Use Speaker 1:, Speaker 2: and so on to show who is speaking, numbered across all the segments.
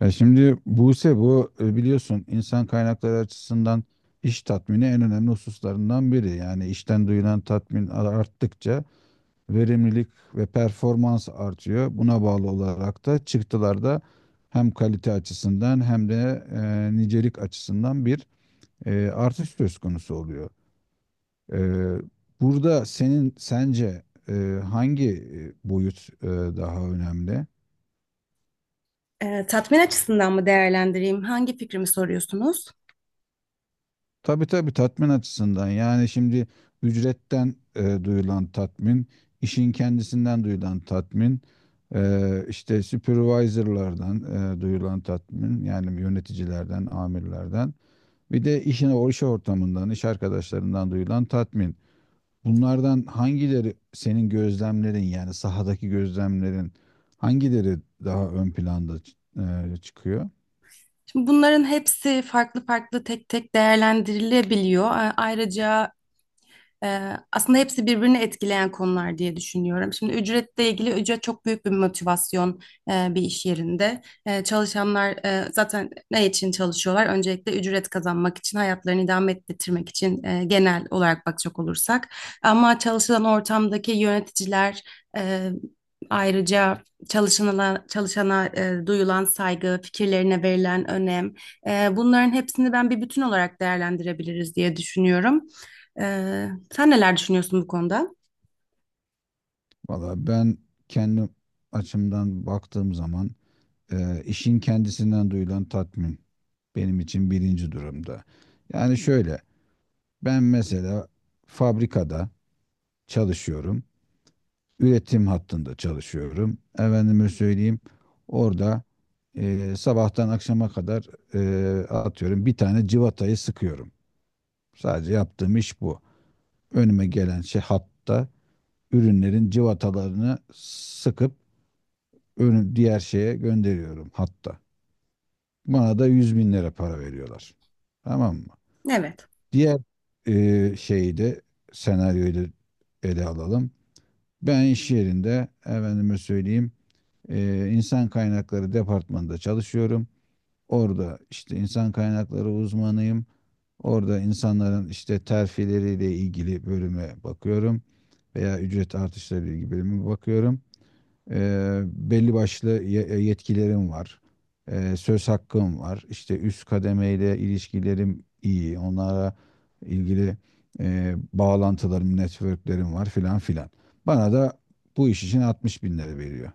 Speaker 1: Ya şimdi Buse bu biliyorsun, insan kaynakları açısından iş tatmini en önemli hususlarından biri. Yani işten duyulan tatmin arttıkça verimlilik ve performans artıyor. Buna bağlı olarak da çıktılar da hem kalite açısından hem de nicelik açısından bir artış söz konusu oluyor. E, Burada senin sence hangi boyut daha önemli?
Speaker 2: Tatmin açısından mı değerlendireyim? Hangi fikrimi soruyorsunuz?
Speaker 1: Tabii tabii, tatmin açısından. Yani şimdi ücretten duyulan tatmin, işin kendisinden duyulan tatmin, işte supervisorlardan duyulan tatmin, yani yöneticilerden, amirlerden, bir de işine, o iş ortamından, iş arkadaşlarından duyulan tatmin. Bunlardan hangileri, senin gözlemlerin yani sahadaki gözlemlerin, hangileri daha ön planda çıkıyor?
Speaker 2: Şimdi bunların hepsi farklı farklı tek tek değerlendirilebiliyor. A- Ayrıca Aslında hepsi birbirini etkileyen konular diye düşünüyorum. Şimdi ücretle ilgili ücret çok büyük bir motivasyon bir iş yerinde. Çalışanlar zaten ne için çalışıyorlar? Öncelikle ücret kazanmak için, hayatlarını idame ettirmek için, genel olarak bakacak olursak. Ama çalışılan ortamdaki yöneticiler, e, ayrıca çalışana duyulan saygı, fikirlerine verilen önem. Bunların hepsini ben bir bütün olarak değerlendirebiliriz diye düşünüyorum. Sen neler düşünüyorsun bu konuda?
Speaker 1: Valla ben kendi açımdan baktığım zaman işin kendisinden duyulan tatmin benim için birinci durumda. Yani şöyle, ben mesela fabrikada çalışıyorum, üretim hattında çalışıyorum. Efendime söyleyeyim, orada sabahtan akşama kadar atıyorum bir tane civatayı sıkıyorum. Sadece yaptığım iş bu. Önüme gelen şey hatta, ürünlerin civatalarını sıkıp önü diğer şeye gönderiyorum hatta. Bana da 100.000 lira para veriyorlar. Tamam mı?
Speaker 2: Evet.
Speaker 1: Diğer şeyi de, senaryoyu da ele alalım. Ben iş yerinde efendime söyleyeyim insan kaynakları departmanında çalışıyorum. Orada işte insan kaynakları uzmanıyım. Orada insanların işte terfileriyle ilgili bölüme bakıyorum veya ücret artışları ile ilgili bölüme bakıyorum. Belli başlı yetkilerim var. Söz hakkım var. İşte üst kademeyle ilişkilerim iyi. Onlara ilgili bağlantılarım, networklerim var, filan filan. Bana da bu iş için 60.000 lira veriyor.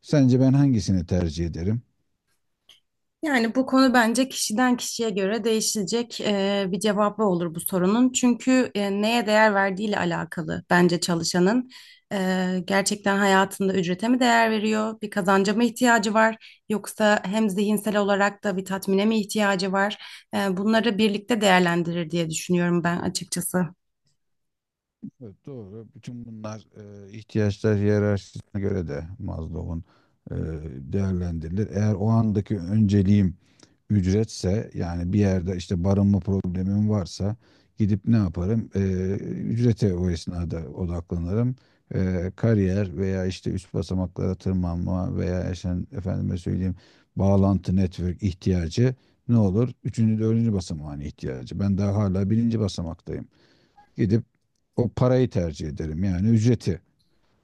Speaker 1: Sence ben hangisini tercih ederim?
Speaker 2: Yani bu konu bence kişiden kişiye göre değişecek, bir cevabı olur bu sorunun. Çünkü neye değer verdiğiyle alakalı bence çalışanın. Gerçekten hayatında ücrete mi değer veriyor? Bir kazanca mı ihtiyacı var? Yoksa hem zihinsel olarak da bir tatmine mi ihtiyacı var? Bunları birlikte değerlendirir diye düşünüyorum ben açıkçası.
Speaker 1: Evet, doğru. Bütün bunlar ihtiyaçlar hiyerarşisine göre de, Maslow'un eee değerlendirilir. Eğer o andaki önceliğim ücretse, yani bir yerde işte barınma problemim varsa, gidip ne yaparım? Ücrete o esnada odaklanırım. Kariyer veya işte üst basamaklara tırmanma veya işte efendime söyleyeyim bağlantı, network ihtiyacı ne olur? Üçüncü, dördüncü basamağın ihtiyacı. Ben daha hala birinci basamaktayım. Gidip o parayı tercih ederim, yani ücreti.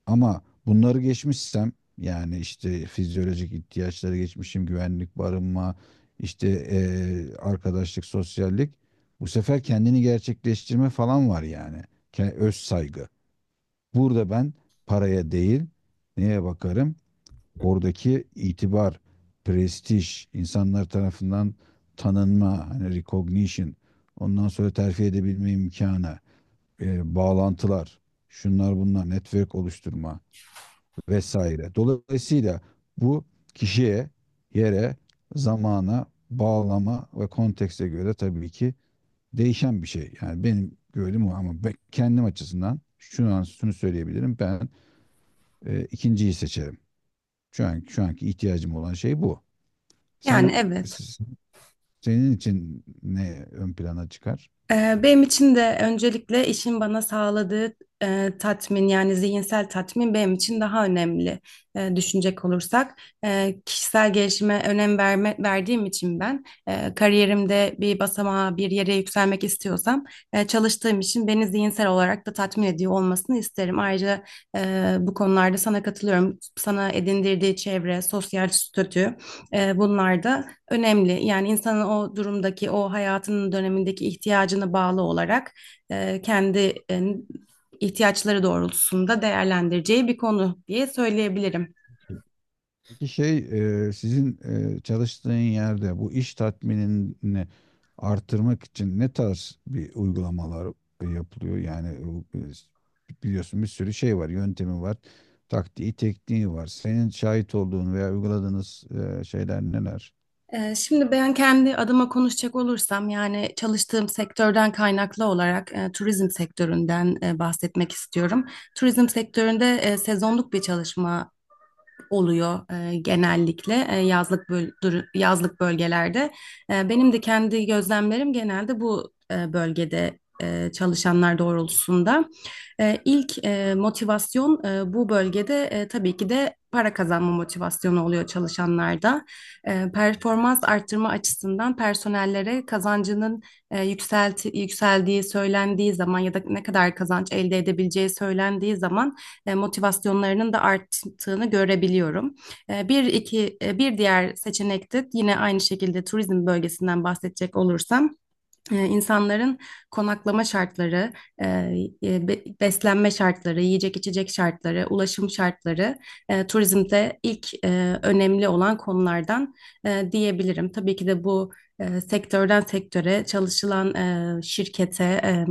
Speaker 1: Ama bunları geçmişsem, yani işte fizyolojik ihtiyaçları geçmişim, güvenlik, barınma, işte arkadaşlık, sosyallik. Bu sefer kendini gerçekleştirme falan var yani. Öz saygı. Burada ben paraya değil, neye bakarım? Oradaki itibar, prestij, insanlar tarafından tanınma, hani recognition, ondan sonra terfi edebilme imkanı, bağlantılar, şunlar bunlar, network oluşturma vesaire. Dolayısıyla bu kişiye, yere, zamana, bağlama ve kontekste göre tabii ki değişen bir şey. Yani benim gördüğüm o, ama ben kendim açısından şu an şunu söyleyebilirim. Ben ikinciyi seçerim. Şu an şu anki ihtiyacım olan şey bu.
Speaker 2: Yani
Speaker 1: Sen,
Speaker 2: evet.
Speaker 1: senin için ne ön plana çıkar?
Speaker 2: Benim için de öncelikle işin bana sağladığı tatmin, yani zihinsel tatmin benim için daha önemli, düşünecek olursak. Kişisel gelişime önem verme, verdiğim için ben kariyerimde bir basamağa, bir yere yükselmek istiyorsam çalıştığım için beni zihinsel olarak da tatmin ediyor olmasını isterim. Ayrıca bu konularda sana katılıyorum. Sana edindirdiği çevre, sosyal statü, bunlar da önemli. Yani insanın o durumdaki, o hayatının dönemindeki ihtiyacına bağlı olarak kendi ihtiyaçları doğrultusunda değerlendireceği bir konu diye söyleyebilirim.
Speaker 1: Peki şey, sizin çalıştığın yerde bu iş tatminini artırmak için ne tarz bir uygulamalar yapılıyor? Yani bu, biliyorsun bir sürü şey var, yöntemi var, taktiği, tekniği var. Senin şahit olduğun veya uyguladığınız şeyler neler?
Speaker 2: Şimdi ben kendi adıma konuşacak olursam, yani çalıştığım sektörden kaynaklı olarak, turizm sektöründen bahsetmek istiyorum. Turizm sektöründe sezonluk bir çalışma oluyor genellikle yazlık bölgelerde. Benim de kendi gözlemlerim genelde bu bölgede çalışanlar doğrultusunda. E, ilk e, motivasyon, bu bölgede, tabii ki de para kazanma motivasyonu oluyor çalışanlarda. Performans arttırma açısından personellere kazancının yükseldiği söylendiği zaman ya da ne kadar kazanç elde edebileceği söylendiği zaman motivasyonlarının da arttığını görebiliyorum. Bir diğer seçenek de yine aynı şekilde turizm bölgesinden bahsedecek olursam, insanların konaklama şartları, e, beslenme şartları, yiyecek içecek şartları, ulaşım şartları turizmde ilk önemli olan konulardan diyebilirim. Tabii ki de bu sektörden sektöre, çalışılan şirkete,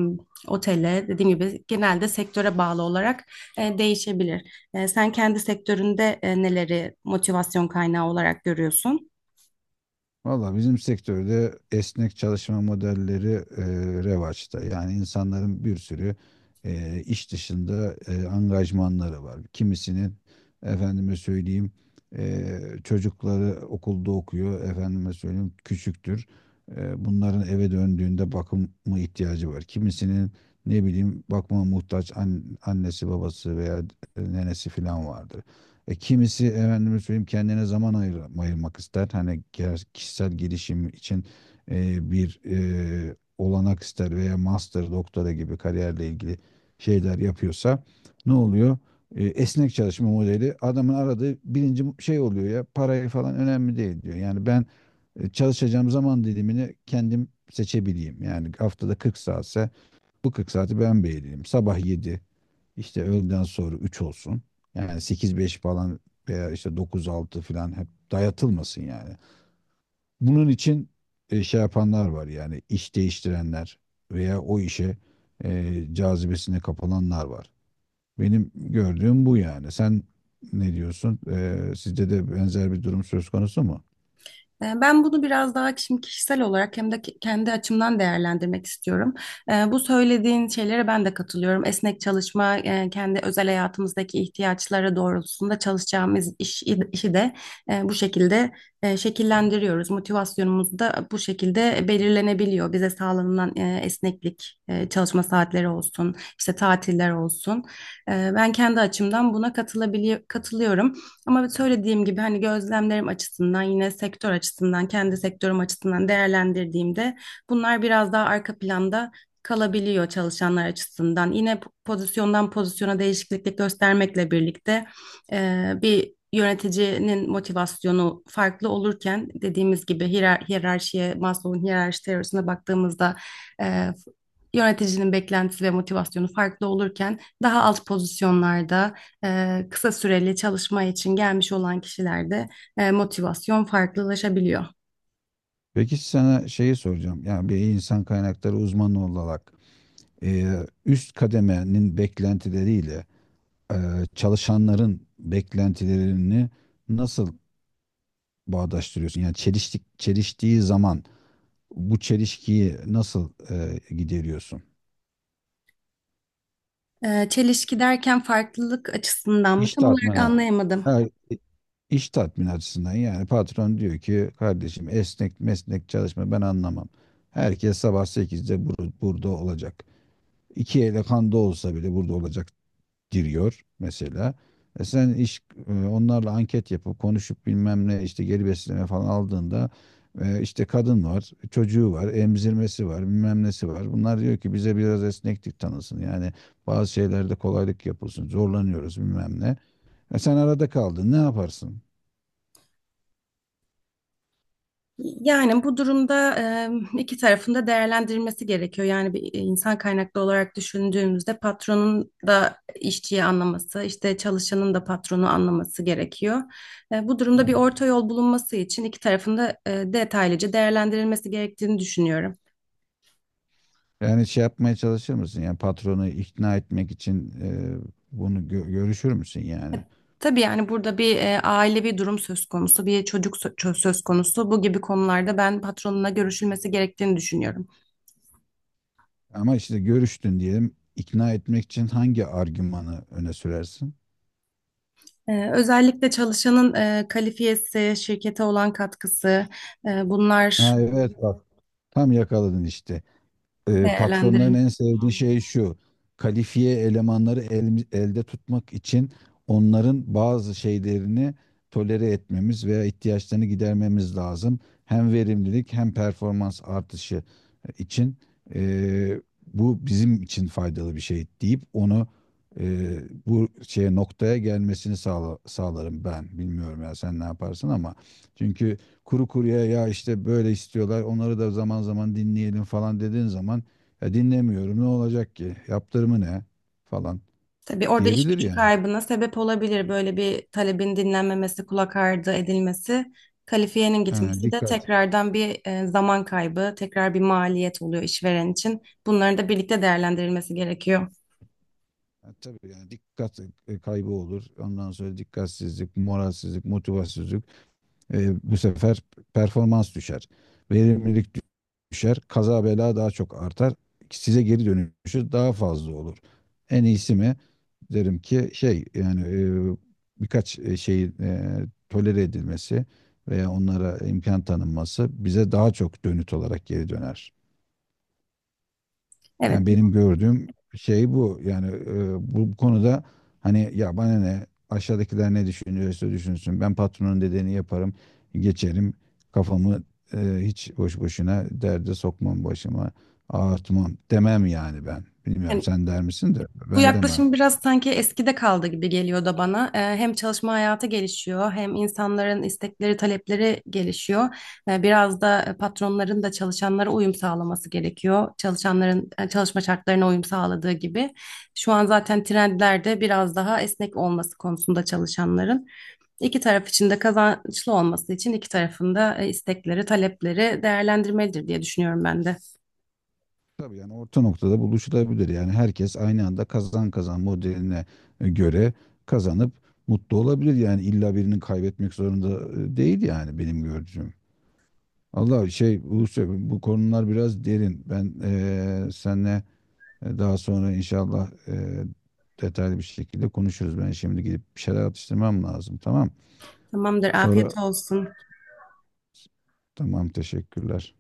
Speaker 2: otele, dediğim gibi genelde sektöre bağlı olarak değişebilir. Sen kendi sektöründe neleri motivasyon kaynağı olarak görüyorsun?
Speaker 1: Valla bizim sektörde esnek çalışma modelleri e, revaçta. Yani insanların bir sürü iş dışında angajmanları var. Kimisinin efendime söyleyeyim çocukları okulda okuyor. Efendime söyleyeyim küçüktür. Bunların eve döndüğünde bakımı ihtiyacı var. Kimisinin ne bileyim bakıma muhtaç annesi babası veya nenesi falan vardır. Kimisi efendime söyleyeyim kendine zaman ayırmak ister. Hani kişisel gelişim için bir olanak ister veya master, doktora gibi kariyerle ilgili şeyler yapıyorsa ne oluyor? Esnek çalışma modeli adamın aradığı birinci şey oluyor. Ya, parayı falan önemli değil diyor. Yani ben çalışacağım zaman dilimini kendim seçebileyim. Yani haftada 40 saatse bu 40 saati ben belirleyeyim. Sabah 7, işte öğleden sonra 3 olsun. Yani 8-5 falan veya işte 9-6 falan hep dayatılmasın yani. Bunun için şey yapanlar var, yani iş değiştirenler veya o işe cazibesine kapılanlar var. Benim gördüğüm bu yani. Sen ne diyorsun? Sizde de benzer bir durum söz konusu mu?
Speaker 2: Ben bunu biraz daha şimdi kişisel olarak, hem de kendi açımdan değerlendirmek istiyorum. Bu söylediğin şeylere ben de katılıyorum. Esnek çalışma, kendi özel hayatımızdaki ihtiyaçlara doğrultusunda çalışacağımız iş, işi de bu şekilde şekillendiriyoruz. Motivasyonumuz da bu şekilde belirlenebiliyor. Bize sağlanılan esneklik, çalışma saatleri olsun, işte tatiller olsun. Ben kendi açımdan buna katılıyorum. Ama evet, söylediğim gibi hani gözlemlerim açısından, yine sektör açısından, kendi sektörüm açısından değerlendirdiğimde bunlar biraz daha arka planda kalabiliyor çalışanlar açısından. Yine pozisyondan pozisyona değişikliklik göstermekle birlikte, bir yöneticinin motivasyonu farklı olurken, dediğimiz gibi hiyerarşiye, Maslow'un hiyerarşi teorisine baktığımızda e, yöneticinin beklentisi ve motivasyonu farklı olurken, daha alt pozisyonlarda kısa süreli çalışma için gelmiş olan kişilerde motivasyon farklılaşabiliyor.
Speaker 1: Peki sana şeyi soracağım. Yani bir insan kaynakları uzmanı olarak e, üst kademenin beklentileriyle e, çalışanların beklentilerini nasıl bağdaştırıyorsun? Yani çeliştiği zaman bu çelişkiyi nasıl gideriyorsun?
Speaker 2: Çelişki derken farklılık açısından mı?
Speaker 1: İş
Speaker 2: Tam olarak
Speaker 1: tatmini,
Speaker 2: anlayamadım.
Speaker 1: ha, iş tatmini açısından. Yani patron diyor ki, kardeşim, esnek mesnek çalışma ben anlamam. Herkes sabah sekizde burada olacak. İki ele kanda olsa bile burada olacak, giriyor mesela. E sen iş, onlarla anket yapıp konuşup bilmem ne, işte geri besleme falan aldığında işte kadın var, çocuğu var, emzirmesi var, bilmem nesi var. Bunlar diyor ki bize biraz esneklik tanısın. Yani bazı şeylerde kolaylık yapılsın. Zorlanıyoruz bilmem ne. E sen arada kaldın. Ne yaparsın?
Speaker 2: Yani bu durumda iki tarafın da değerlendirilmesi gerekiyor. Yani bir insan kaynaklı olarak düşündüğümüzde, patronun da işçiyi anlaması, işte çalışanın da patronu anlaması gerekiyor. Bu durumda bir orta yol bulunması için iki tarafın da detaylıca değerlendirilmesi gerektiğini düşünüyorum.
Speaker 1: Yani şey yapmaya çalışır mısın? Yani patronu ikna etmek için bunu görüşür müsün yani?
Speaker 2: Tabii yani burada bir ailevi durum söz konusu, bir çocuk söz konusu. Bu gibi konularda ben patronuna görüşülmesi gerektiğini düşünüyorum.
Speaker 1: Ama işte görüştün diyelim. İkna etmek için hangi argümanı öne sürersin?
Speaker 2: Özellikle çalışanın kalifiyesi, şirkete olan katkısı, bunlar
Speaker 1: Ha evet, bak, tam yakaladın işte. Patronların
Speaker 2: değerlendirilmeli.
Speaker 1: en sevdiği şey şu. Kalifiye elemanları elde tutmak için onların bazı şeylerini tolere etmemiz veya ihtiyaçlarını gidermemiz lazım. Hem verimlilik hem performans artışı için e, bu bizim için faydalı bir şey deyip, onu e, bu şeye, noktaya gelmesini sağlarım ben. Bilmiyorum, ya sen ne yaparsın ama, çünkü kuru kuruya ya, işte böyle istiyorlar, onları da zaman zaman dinleyelim falan dediğin zaman, ya, dinlemiyorum, ne olacak ki, yaptırımı ne falan
Speaker 2: Tabii orada iş
Speaker 1: diyebilir
Speaker 2: gücü
Speaker 1: yani.
Speaker 2: kaybına sebep olabilir. Böyle bir talebin dinlenmemesi, kulak ardı edilmesi, kalifiyenin
Speaker 1: Ha,
Speaker 2: gitmesi de
Speaker 1: dikkat.
Speaker 2: tekrardan bir zaman kaybı, tekrar bir maliyet oluyor işveren için. Bunların da birlikte değerlendirilmesi gerekiyor.
Speaker 1: Ha, tabii yani, dikkat kaybı olur. Ondan sonra dikkatsizlik, moralsizlik, motivasyonsuzluk. Bu sefer performans düşer. Verimlilik düşer. Kaza bela daha çok artar. Size geri dönüşü daha fazla olur. En iyisi mi? Derim ki, şey yani e, birkaç şeyin tolere edilmesi veya onlara imkan tanınması bize daha çok dönüt olarak geri döner. Yani
Speaker 2: Evet.
Speaker 1: benim gördüğüm şey bu. Yani bu konuda, hani, ya bana ne, aşağıdakiler ne düşünüyorsa düşünsün. Ben patronun dediğini yaparım, geçerim. Kafamı hiç boş boşuna derde sokmam, başıma ağartmam, demem yani ben. Bilmiyorum,
Speaker 2: Yani
Speaker 1: sen der misin, de
Speaker 2: bu
Speaker 1: ben demem.
Speaker 2: yaklaşım biraz sanki eskide kaldı gibi geliyor da bana. Hem çalışma hayatı gelişiyor, hem insanların istekleri, talepleri gelişiyor. Biraz da patronların da çalışanlara uyum sağlaması gerekiyor. Çalışanların çalışma şartlarına uyum sağladığı gibi. Şu an zaten trendlerde biraz daha esnek olması konusunda çalışanların. İki taraf için de kazançlı olması için iki tarafın da istekleri, talepleri değerlendirmelidir diye düşünüyorum ben de.
Speaker 1: Tabii, yani orta noktada buluşulabilir. Yani herkes aynı anda kazan kazan modeline göre kazanıp mutlu olabilir. Yani illa birinin kaybetmek zorunda değil, yani benim gördüğüm. Allah şey, Buse, bu konular biraz derin. Ben seninle daha sonra inşallah detaylı bir şekilde konuşuruz. Ben şimdi gidip bir şeyler atıştırmam lazım. Tamam.
Speaker 2: Tamamdır, afiyet
Speaker 1: Sonra,
Speaker 2: olsun.
Speaker 1: tamam, teşekkürler.